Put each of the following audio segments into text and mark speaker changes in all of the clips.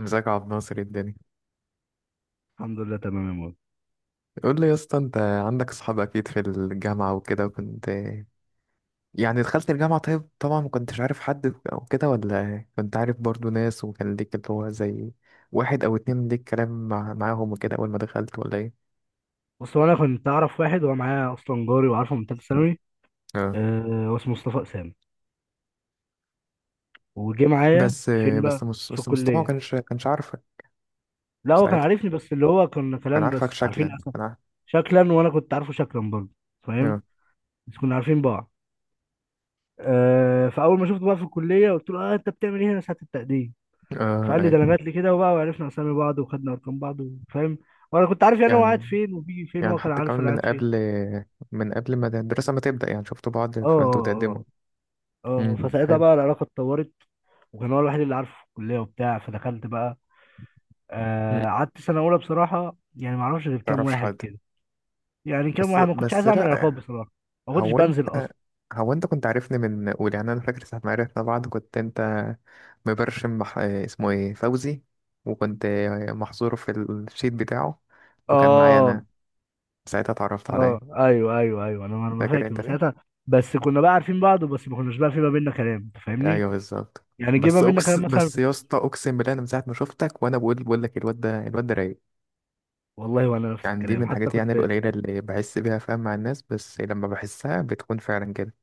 Speaker 1: ازيك يا عبد الناصر؟ ايه الدنيا؟
Speaker 2: الحمد لله تمام يا مول.
Speaker 1: قول لي يا اسطى، انت عندك اصحاب اكيد في الجامعه وكده، وكنت يعني دخلت الجامعه. طيب طبعا ما كنتش عارف حد او كده، ولا كنت عارف برضو ناس وكان ليك اللي هو زي واحد او اتنين ليك كلام معاهم وكده اول ما دخلت، ولا ايه؟
Speaker 2: بص، هو انا كنت اعرف واحد هو معايا اصلا، جاري وعارفه من ثالثه ثانوي.
Speaker 1: اه.
Speaker 2: آه، هو اسمه مصطفى اسامه. وجه معايا.
Speaker 1: بس
Speaker 2: فين بقى؟
Speaker 1: بس مس...
Speaker 2: في
Speaker 1: بس مصطفى ما
Speaker 2: الكليه.
Speaker 1: كانش عارفك
Speaker 2: لا، هو كان
Speaker 1: ساعتها،
Speaker 2: عارفني، بس اللي هو كنا
Speaker 1: كان
Speaker 2: كلام،
Speaker 1: عارفك
Speaker 2: بس عارفين
Speaker 1: شكلا،
Speaker 2: أسا.
Speaker 1: كان عارف.
Speaker 2: شكلا، وانا كنت عارفه شكلا برضه.
Speaker 1: اه،
Speaker 2: فاهم. بس كنا عارفين بعض. فاول ما شفته بقى في الكليه قلت له انت بتعمل ايه هنا ساعه التقديم؟
Speaker 1: اه،
Speaker 2: فقال لي
Speaker 1: اي.
Speaker 2: ده انا جات لي كده، وبقى وعرفنا اسامي بعض وخدنا ارقام بعض. فاهم. وانا كنت عارف يعني هو قاعد
Speaker 1: يعني
Speaker 2: فين وبيجي فين،
Speaker 1: يعني
Speaker 2: وهو كان
Speaker 1: حتى
Speaker 2: عارف
Speaker 1: كمان
Speaker 2: انا
Speaker 1: من
Speaker 2: قاعد فين.
Speaker 1: قبل من قبل ما الدراسه ما تبدا، يعني شفتوا بعض
Speaker 2: اه،
Speaker 1: فانتوا تقدموا.
Speaker 2: اه، اه، اه.
Speaker 1: امم،
Speaker 2: فساعتها
Speaker 1: حلو.
Speaker 2: بقى العلاقه اتطورت. وكان هو الوحيد اللي عارفه في الكليه وبتاع، فدخلت بقى. آه، قعدت سنه اولى بصراحه، يعني ما اعرفش غير كام
Speaker 1: تعرفش
Speaker 2: واحد
Speaker 1: حد.
Speaker 2: كده. يعني كام
Speaker 1: بس
Speaker 2: واحد، ما كنتش
Speaker 1: بس
Speaker 2: عايز اعمل
Speaker 1: لا
Speaker 2: علاقات
Speaker 1: يعني،
Speaker 2: بصراحه. ما كنتش
Speaker 1: هو انت
Speaker 2: بنزل اصلا.
Speaker 1: هو انت كنت عارفني من اولى. يعني انا فاكر ساعة ما عرفنا بعض كنت انت مبرشم، اسمه ايه، فوزي، وكنت محظور في الشيت بتاعه، وكان معايا
Speaker 2: اه،
Speaker 1: انا ساعتها، اتعرفت عليا.
Speaker 2: اه، ايوه، ايوه، ايوه. انا ما
Speaker 1: فاكر
Speaker 2: فاكر
Speaker 1: انت
Speaker 2: من
Speaker 1: ليه؟
Speaker 2: ساعتها. بس كنا بقى عارفين بعض، بس ما كناش بقى في ما بيننا كلام، انت فاهمني؟
Speaker 1: ايوه، بالظبط.
Speaker 2: يعني جه ما بيننا كلام مثلا.
Speaker 1: بس يا اسطى، اقسم بالله، انا من ساعة ما شفتك وانا بقول لك الواد ده رايق.
Speaker 2: والله، وانا نفس
Speaker 1: يعني دي من
Speaker 2: الكلام، حتى
Speaker 1: الحاجات يعني
Speaker 2: كنت.
Speaker 1: القليلة اللي بحس بيها، فاهم، مع الناس. بس لما بحسها بتكون فعلا كده.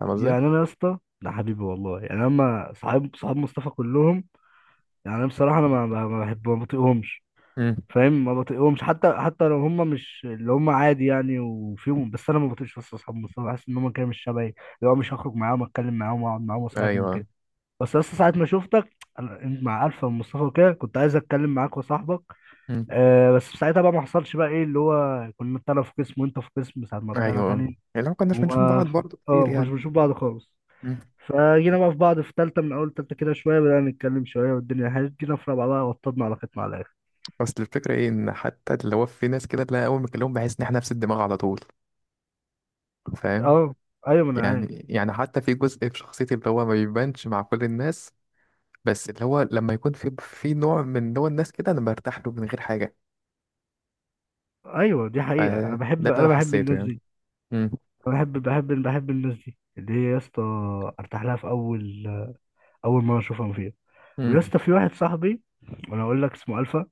Speaker 1: فاهم قصدي؟
Speaker 2: يعني انا يا اسطى ده حبيبي والله، يعني اما صحاب مصطفى كلهم. يعني انا بصراحه، انا ما بحب، ما بطيقهمش.
Speaker 1: امم،
Speaker 2: فاهم. ما بطيقهمش حتى لو هم مش اللي هم، عادي يعني، وفيهم، بس انا ما بطيقش، بس اصحابهم، بس أنا بحس ان هم كده مش شبهي، اللي هو مش هخرج معاهم، اتكلم معاهم، واقعد معاهم، واصاحبهم
Speaker 1: ايوه،
Speaker 2: كده. بس لسه ساعة ما شفتك. انت مع الفا ومصطفى وكده كنت عايز اتكلم معاك وصاحبك. آه، بس ساعتها بقى ما حصلش، بقى ايه، اللي هو كنا انا في قسم وانت في قسم، ساعة ما طلعنا
Speaker 1: ايوه.
Speaker 2: تاني.
Speaker 1: يعني لو كناش
Speaker 2: وما
Speaker 1: بنشوف بعض برضه
Speaker 2: اه
Speaker 1: كتير،
Speaker 2: ما كناش
Speaker 1: يعني.
Speaker 2: بنشوف بعض خالص.
Speaker 1: مم.
Speaker 2: فجينا بقى في بعض في تالتة، من أول تالتة كده شوية بدأنا نتكلم، شوية والدنيا حلوة جينا في رابعة، بقى وطدنا على ختم على الآخر.
Speaker 1: اصل الفكره ايه، ان حتى اللي هو في ناس كده تلاقي اول ما اكلمهم بحس ان احنا نفس الدماغ على طول. فاهم.
Speaker 2: اه. أيوة، ما أنا عارف.
Speaker 1: يعني حتى في جزء في شخصيتي اللي هو ما بيبانش مع كل الناس. بس اللي هو لما يكون في نوع من نوع الناس كده، انا برتاح له من غير حاجه.
Speaker 2: ايوه، دي حقيقه، انا
Speaker 1: فده اللي
Speaker 2: بحب
Speaker 1: انا
Speaker 2: انا بحب
Speaker 1: حسيته،
Speaker 2: الناس
Speaker 1: يعني.
Speaker 2: دي.
Speaker 1: امم.
Speaker 2: انا بحب الناس دي اللي هي يا اسطى. ارتاح لها في اول، اول مره اشوفهم فيها. ويا
Speaker 1: امم،
Speaker 2: اسطى في واحد صاحبي، وانا اقول لك اسمه الفا.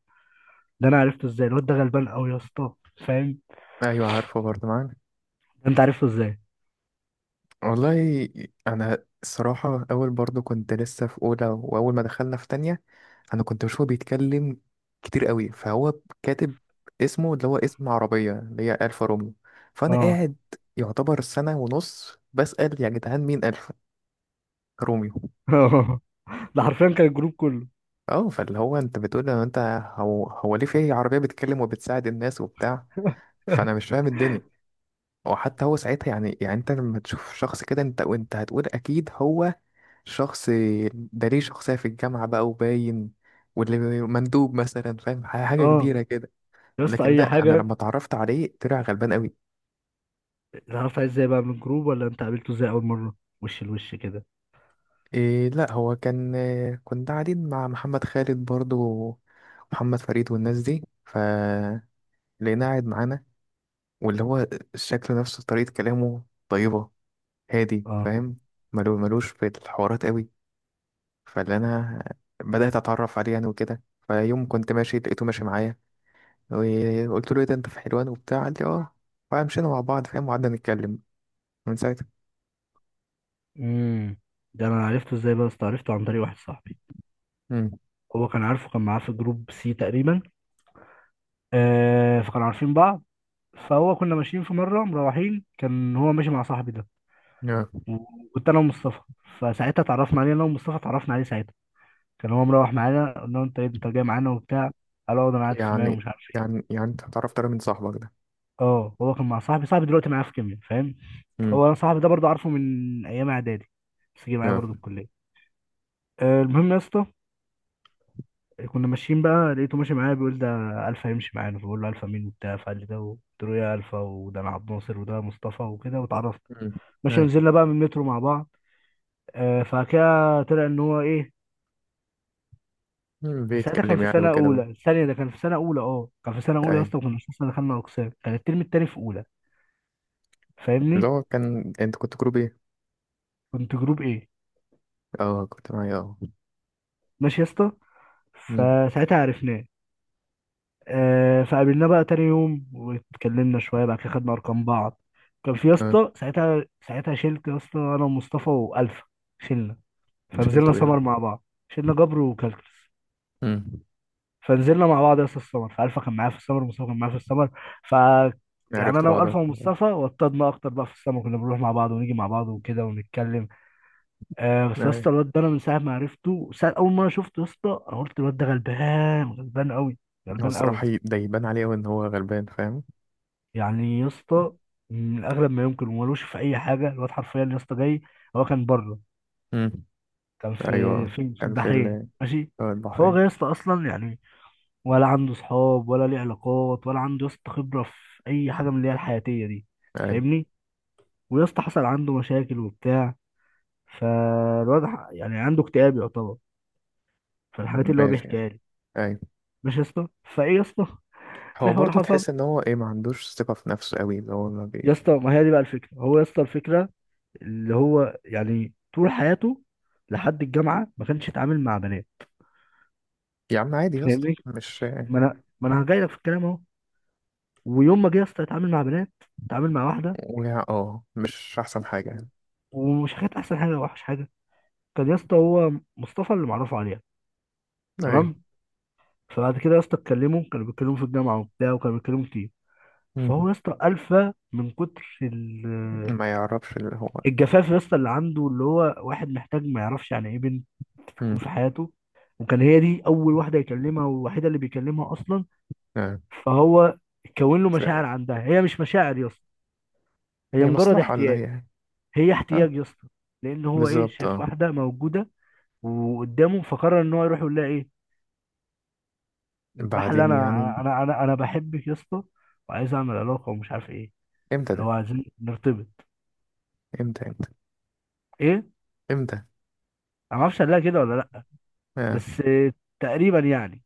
Speaker 2: ده انا عرفته ازاي، الواد ده غلبان قوي يا اسطى. فاهم.
Speaker 1: ايوه، عارفه برضه معاك،
Speaker 2: ده انت عرفته ازاي؟
Speaker 1: والله. انا الصراحه اول، برضو كنت لسه في اولى، واول ما دخلنا في تانية انا كنت بشوفه بيتكلم كتير قوي. فهو كاتب اسمه، اللي هو اسم عربيه، اللي هي الفا روميو. فانا
Speaker 2: اه.
Speaker 1: قاعد يعتبر سنه ونص بسال يا جدعان، مين الفا روميو؟
Speaker 2: ده حرفيا كان الجروب كله.
Speaker 1: اه. فاللي هو انت بتقول لو انت، هو ليه في عربيه بتتكلم وبتساعد الناس وبتاع؟ فانا مش فاهم الدنيا. وحتى هو ساعتها، يعني انت لما تشوف شخص كده، انت هتقول اكيد هو شخص ده، ليه شخصية في الجامعة بقى وباين، واللي مندوب مثلا، فاهم، حاجة
Speaker 2: اه،
Speaker 1: كبيرة كده.
Speaker 2: يا اسطى،
Speaker 1: لكن
Speaker 2: اي
Speaker 1: لا، أنا
Speaker 2: حاجه.
Speaker 1: لما اتعرفت عليه طلع غلبان قوي.
Speaker 2: عرفت ازاي بقى من الجروب، ولا انت قابلته ازاي اول مره؟ وش لوش كده.
Speaker 1: إيه، لا هو كان إيه، كنت قاعدين مع محمد خالد برضو، محمد فريد والناس دي، فلقيناه قاعد معانا. واللي هو الشكل نفسه، طريقة كلامه طيبة، هادي،
Speaker 2: اه.
Speaker 1: فاهم، ملوش في الحوارات قوي. فاللي أنا بدأت أتعرف عليه يعني وكده. فيوم كنت ماشي لقيته ماشي معايا، وقلت له ايه ده، انت في حلوان وبتاع؟ قال لي اه. فمشينا مع بعض، فاهم، وقعدنا نتكلم من ساعتها.
Speaker 2: امم ده انا عرفته ازاي بقى يا اسطى، عرفته عن طريق واحد صاحبي.
Speaker 1: امم.
Speaker 2: هو كان عارفه، كان معاه في جروب سي تقريبا. فكانوا عارفين بعض. فهو كنا ماشيين في مره مروحين، كان هو ماشي مع صاحبي ده.
Speaker 1: اه.
Speaker 2: وكنت انا ومصطفى. فساعتها اتعرفنا عليه انا ومصطفى، اتعرفنا عليه ساعتها. كان هو مروح معانا، قلنا له انت إيه، انت جاي معانا وبتاع. قال اه، ده انا قاعد في مايو
Speaker 1: يعني
Speaker 2: ومش عارف ايه.
Speaker 1: يعني انت هتعرف ترى من صاحبك ده.
Speaker 2: اه، هو كان مع صاحبي، صاحبي دلوقتي معايا في كيميا، فاهم.
Speaker 1: امم.
Speaker 2: هو انا صاحبي ده برضه عارفه من ايام اعدادي. بس جه معايا
Speaker 1: اه.
Speaker 2: برضه الكليه. آه، المهم يا اسطى. كنا ماشيين بقى، لقيته ماشي معايا بيقول ده الفا يمشي معانا، فبقول له الفا مين وبتاع، فقال لي ده، قلت له يا الفا، وده انا عبد ناصر وده مصطفى وكده، واتعرفنا.
Speaker 1: امم،
Speaker 2: ماشي،
Speaker 1: ايوه.
Speaker 2: ونزلنا بقى من المترو مع بعض. آه، فكده طلع ان هو ايه.
Speaker 1: مم،
Speaker 2: ده ساعتها كان
Speaker 1: بيتكلم
Speaker 2: في
Speaker 1: يعني
Speaker 2: سنه
Speaker 1: وكده.
Speaker 2: اولى الثانيه، ده كان في سنه اولى، اه كان في سنه اولى يا
Speaker 1: اي.
Speaker 2: اسطى. وكنا لسه دخلنا اقسام، كان الترم التاني في اولى.
Speaker 1: اللي
Speaker 2: فاهمني؟
Speaker 1: هو كان انت كنت جروب ايه؟
Speaker 2: كنت جروب ايه.
Speaker 1: اه، كنت معايا اه.
Speaker 2: ماشي يا اسطى.
Speaker 1: امم.
Speaker 2: فساعتها عرفناه. آه، فقابلناه بقى تاني يوم واتكلمنا شويه، بعد كده خدنا ارقام بعض. كان في يا
Speaker 1: اه.
Speaker 2: اسطى ساعتها شلت يا اسطى انا ومصطفى والفا. شلنا.
Speaker 1: شلته
Speaker 2: فنزلنا
Speaker 1: ايه بقى؟
Speaker 2: سمر مع بعض، شلنا جبر وكالكس.
Speaker 1: امم.
Speaker 2: فنزلنا مع بعض يا اسطى السمر، فالفا كان معايا في السمر، ومصطفى كان معايا في السمر. ف يعني
Speaker 1: عرفت
Speaker 2: انا
Speaker 1: بعضها.
Speaker 2: والفا ومصطفى وطدنا اكتر بقى في السمر، كنا بنروح مع بعض ونيجي مع بعض وكده ونتكلم. آه، بس يا
Speaker 1: اي.
Speaker 2: اسطى الواد ده انا من ساعه ما عرفته، ساعة اول ما انا شفته يا اسطى، انا قلت الواد ده غلبان، غلبان قوي.
Speaker 1: هو
Speaker 2: غلبان
Speaker 1: الصراحة،
Speaker 2: قوي.
Speaker 1: ده يبان عليه أوي ان هو غلبان، فاهم.
Speaker 2: يعني يا اسطى، من اغلب ما يمكن ومالوش في اي حاجه، الواد حرفيا يا اسطى جاي. هو كان بره.
Speaker 1: امم،
Speaker 2: كان في
Speaker 1: ايوه.
Speaker 2: في في
Speaker 1: كان في
Speaker 2: البحرين، ماشي.
Speaker 1: في
Speaker 2: فهو
Speaker 1: البحرين.
Speaker 2: جاي يا اسطى اصلا يعني، ولا عنده صحاب ولا ليه علاقات ولا عنده يا اسطى خبره في اي حاجه من اللي هي الحياتيه دي.
Speaker 1: اي،
Speaker 2: فاهمني. ويا اسطى حصل عنده مشاكل وبتاع. فالواد يعني عنده اكتئاب يعتبر. فالحاجات اللي هو
Speaker 1: ماشي يعني.
Speaker 2: بيحكيها لي.
Speaker 1: اي.
Speaker 2: ماشي يا اسطى. فايه يا اسطى في
Speaker 1: هو
Speaker 2: حوار
Speaker 1: برضه
Speaker 2: حصل.
Speaker 1: تحس ان هو ايه، ما عندوش ثقة في نفسه قوي، اللي هو ما
Speaker 2: يا
Speaker 1: بي...
Speaker 2: اسطى ما هي دي بقى الفكره، هو يا اسطى الفكره اللي هو يعني طول حياته لحد الجامعه ما كانش يتعامل مع بنات.
Speaker 1: يا عم عادي يا اسطى،
Speaker 2: فاهمني.
Speaker 1: مش.
Speaker 2: ما انا جاي لك في الكلام اهو. ويوم ما جه يا اسطى يتعامل مع بنات، اتعامل مع واحده.
Speaker 1: اه مش احسن حاجة
Speaker 2: و-
Speaker 1: يعني.
Speaker 2: ومش كانت احسن حاجه ولا وحش حاجه. كان يا اسطى هو مصطفى اللي معرفه عليها.
Speaker 1: ايوه.
Speaker 2: تمام. فبعد كده يا اسطى اتكلموا، كانوا بيتكلموا في الجامعه وبتاع، وكانوا بيتكلموا كتير.
Speaker 1: مم.
Speaker 2: فهو يا اسطى الفا من كتر
Speaker 1: ما يعرفش اللي هو.
Speaker 2: الجفاف يا اسطى اللي عنده، اللي هو واحد محتاج، ما يعرفش يعني ايه بنت
Speaker 1: مم.
Speaker 2: تكون في حياته. وكان هي دي اول واحده يكلمها، والوحيده اللي بيكلمها اصلا.
Speaker 1: آه.
Speaker 2: فهو كون له
Speaker 1: ف...
Speaker 2: مشاعر عندها، هي مش مشاعر يا اسطى. هي
Speaker 1: هي
Speaker 2: مجرد
Speaker 1: مصلحة اللي هي
Speaker 2: احتياج.
Speaker 1: يعني.
Speaker 2: هي
Speaker 1: اه،
Speaker 2: احتياج يا اسطى. لان هو ايه،
Speaker 1: بالظبط،
Speaker 2: شايف
Speaker 1: اه.
Speaker 2: واحده موجوده وقدامه، فقرر ان هو يروح يقول لها ايه. راح، اللي
Speaker 1: بعدين يعني.
Speaker 2: انا انا انا انا بحبك يا اسطى، وعايز اعمل علاقه ومش عارف ايه،
Speaker 1: امتى
Speaker 2: اللي
Speaker 1: ده؟
Speaker 2: هو عايزين نرتبط.
Speaker 1: امتى؟ امتى؟
Speaker 2: ايه، انا
Speaker 1: امتى؟
Speaker 2: ما اعرفش قال لها كده ولا لا،
Speaker 1: آه.
Speaker 2: بس تقريبا يعني.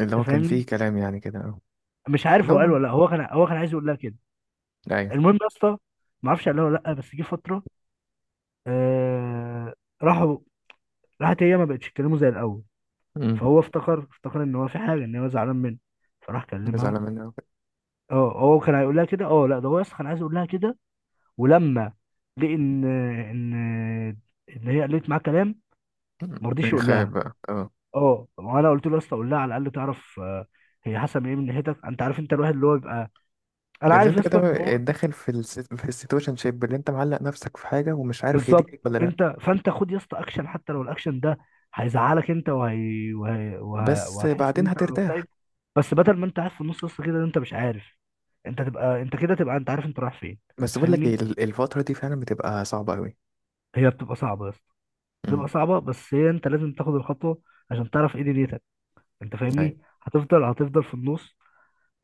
Speaker 1: اللي هو
Speaker 2: انت
Speaker 1: كان
Speaker 2: فاهمني.
Speaker 1: فيه كلام يعني كده، اه.
Speaker 2: مش عارف
Speaker 1: اللي
Speaker 2: هو قال
Speaker 1: هو.
Speaker 2: ولا لا، هو كان عايز يقول لها كده.
Speaker 1: ايوه.
Speaker 2: المهم يا اسطى، ما اعرفش قال لها ولا لا، بس جه فتره. آه. راحوا. راحت هي ما بقتش تكلمه زي الاول.
Speaker 1: مم.
Speaker 2: فهو افتكر ان هو في حاجه، ان هو زعلان منه. فراح كلمها.
Speaker 1: زعلان منه أوي.
Speaker 2: اه، هو كان هيقول لها كده، اه لا، ده هو اصلا كان عايز يقول لها كده. ولما لقى ان ان هي قالت معاه كلام،
Speaker 1: مم.
Speaker 2: ما رضيش يقول
Speaker 1: يخاف
Speaker 2: لها.
Speaker 1: بقى، اه.
Speaker 2: اه، وانا قلت له يا اسطى قول لها على الاقل تعرف، هي حسب ايه من ناحيتك، انت عارف، انت الواحد اللي هو بيبقى، انا
Speaker 1: اللي
Speaker 2: عارف يا
Speaker 1: انت
Speaker 2: اسطى
Speaker 1: كده
Speaker 2: ان،
Speaker 1: داخل في في السيتويشن شيب، اللي انت معلق نفسك في حاجه ومش عارف هي دي
Speaker 2: بالظبط.
Speaker 1: ليك ولا لا.
Speaker 2: فانت خد يا اسطى اكشن، حتى لو الاكشن ده هيزعلك انت
Speaker 1: بس
Speaker 2: وهتحس ان
Speaker 1: بعدين
Speaker 2: انت
Speaker 1: هترتاح.
Speaker 2: مكتئب. بس بدل ما انت قاعد في النص يا اسطى كده، انت مش عارف، انت تبقى انت كده، تبقى انت عارف انت رايح فين.
Speaker 1: بس
Speaker 2: انت
Speaker 1: بقول لك ايه،
Speaker 2: فاهمني.
Speaker 1: الفتره دي فعلا بتبقى صعبه قوي.
Speaker 2: هي بتبقى صعبه يا اسطى،
Speaker 1: امم،
Speaker 2: بتبقى صعبه، بس هي انت لازم تاخد الخطوه عشان تعرف ايه دنيتك. انت
Speaker 1: ايوه.
Speaker 2: فاهمني، هتفضل في النص،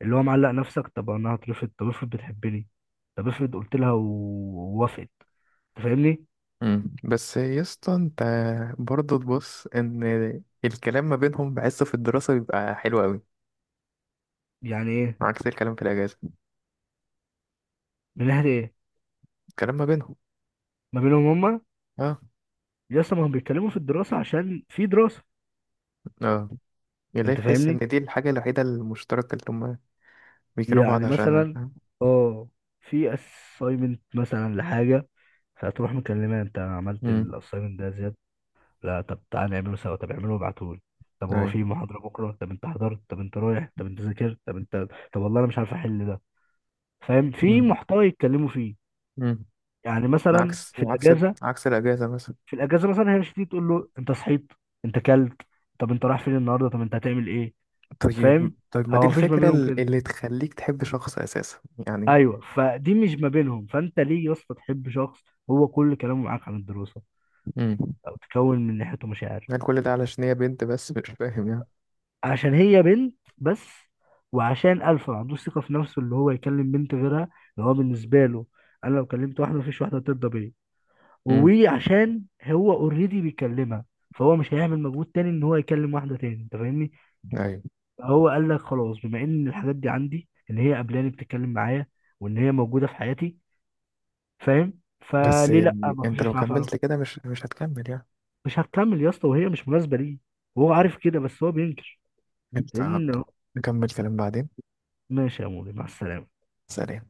Speaker 2: اللي هو معلق نفسك، طب انا هترفض، طب افرض بتحبني، طب افرض قلت لها ووافقت. انت فاهمني.
Speaker 1: امم. بس يا اسطى، انت برضه تبص ان الكلام ما بينهم بحسه في الدراسه بيبقى حلو قوي،
Speaker 2: يعني ايه؟
Speaker 1: عكس الكلام في الاجازه.
Speaker 2: من ناحيه ايه؟
Speaker 1: الكلام ما بينهم.
Speaker 2: ما بينهم هما.
Speaker 1: اه.
Speaker 2: يس، ما هم بيتكلموا في الدراسة عشان في دراسة.
Speaker 1: اه. اللي
Speaker 2: انت
Speaker 1: تحس ان
Speaker 2: فاهمني.
Speaker 1: دي الحاجه الوحيده المشتركه اللي هم بيكونوا بعض
Speaker 2: يعني
Speaker 1: عشانها،
Speaker 2: مثلا،
Speaker 1: فاهم؟
Speaker 2: اه، في assignment مثلا لحاجة، فهتروح مكلمة انت عملت
Speaker 1: امم،
Speaker 2: ال assignment ده يا زياد. لا طب تعالى نعمله سوا، طب اعمله وابعتهولي، طب هو
Speaker 1: ايوه.
Speaker 2: في محاضرة بكرة، طب انت حضرت، طب انت رايح، طب انت ذاكرت، طب انت، طب والله انا مش عارف احل ده. فاهم، في
Speaker 1: امم.
Speaker 2: محتوى يتكلموا فيه.
Speaker 1: امم.
Speaker 2: يعني مثلا
Speaker 1: عكس
Speaker 2: في
Speaker 1: عكس
Speaker 2: الاجازة،
Speaker 1: عكس الأجازة مثلا.
Speaker 2: في الاجازة مثلا هي مش هتيجي تقول له انت صحيت، انت كلت، طب انت رايح فين النهارده، طب انت هتعمل ايه. فاهم؟
Speaker 1: طيب، طيب، ما دي
Speaker 2: هو مفيش ما
Speaker 1: الفكرة،
Speaker 2: بينهم كده.
Speaker 1: اللي تخليك تحب شخص أساسا. يعني.
Speaker 2: ايوه، فدي مش ما بينهم، فانت ليه يا اسطى تحب شخص هو كل كلامه معاك عن الدراسه،
Speaker 1: امم.
Speaker 2: او تكون من ناحيته مشاعر؟
Speaker 1: يعني كل ده علشان هي بنت بس مش فاهم يعني.
Speaker 2: عشان هي بنت بس، وعشان الفا ما عندوش ثقه في نفسه اللي هو يكلم بنت غيرها، اللي هو بالنسبه له: انا لو كلمت واحده مفيش واحده ترضى بيا،
Speaker 1: امم،
Speaker 2: وعشان هو اوريدي بيكلمها، فهو مش هيعمل مجهود تاني ان هو يكلم واحده تاني. انت فاهمني.
Speaker 1: ايوه.
Speaker 2: هو قال لك خلاص، بما ان الحاجات دي عندي، ان هي قبلاني بتتكلم معايا، وان هي موجوده في حياتي، فاهم،
Speaker 1: بس
Speaker 2: فليه لا ما
Speaker 1: انت لو
Speaker 2: اخشش معاها في علاقة.
Speaker 1: كملت كده مش هتكمل يعني.
Speaker 2: مش هتكمل يا اسطى، وهي مش مناسبه ليه، وهو عارف كده بس هو بينكر،
Speaker 1: انت عبده،
Speaker 2: لان.
Speaker 1: نكمل كلام بعدين.
Speaker 2: ماشي يا مولي، مع السلامه.
Speaker 1: سلام.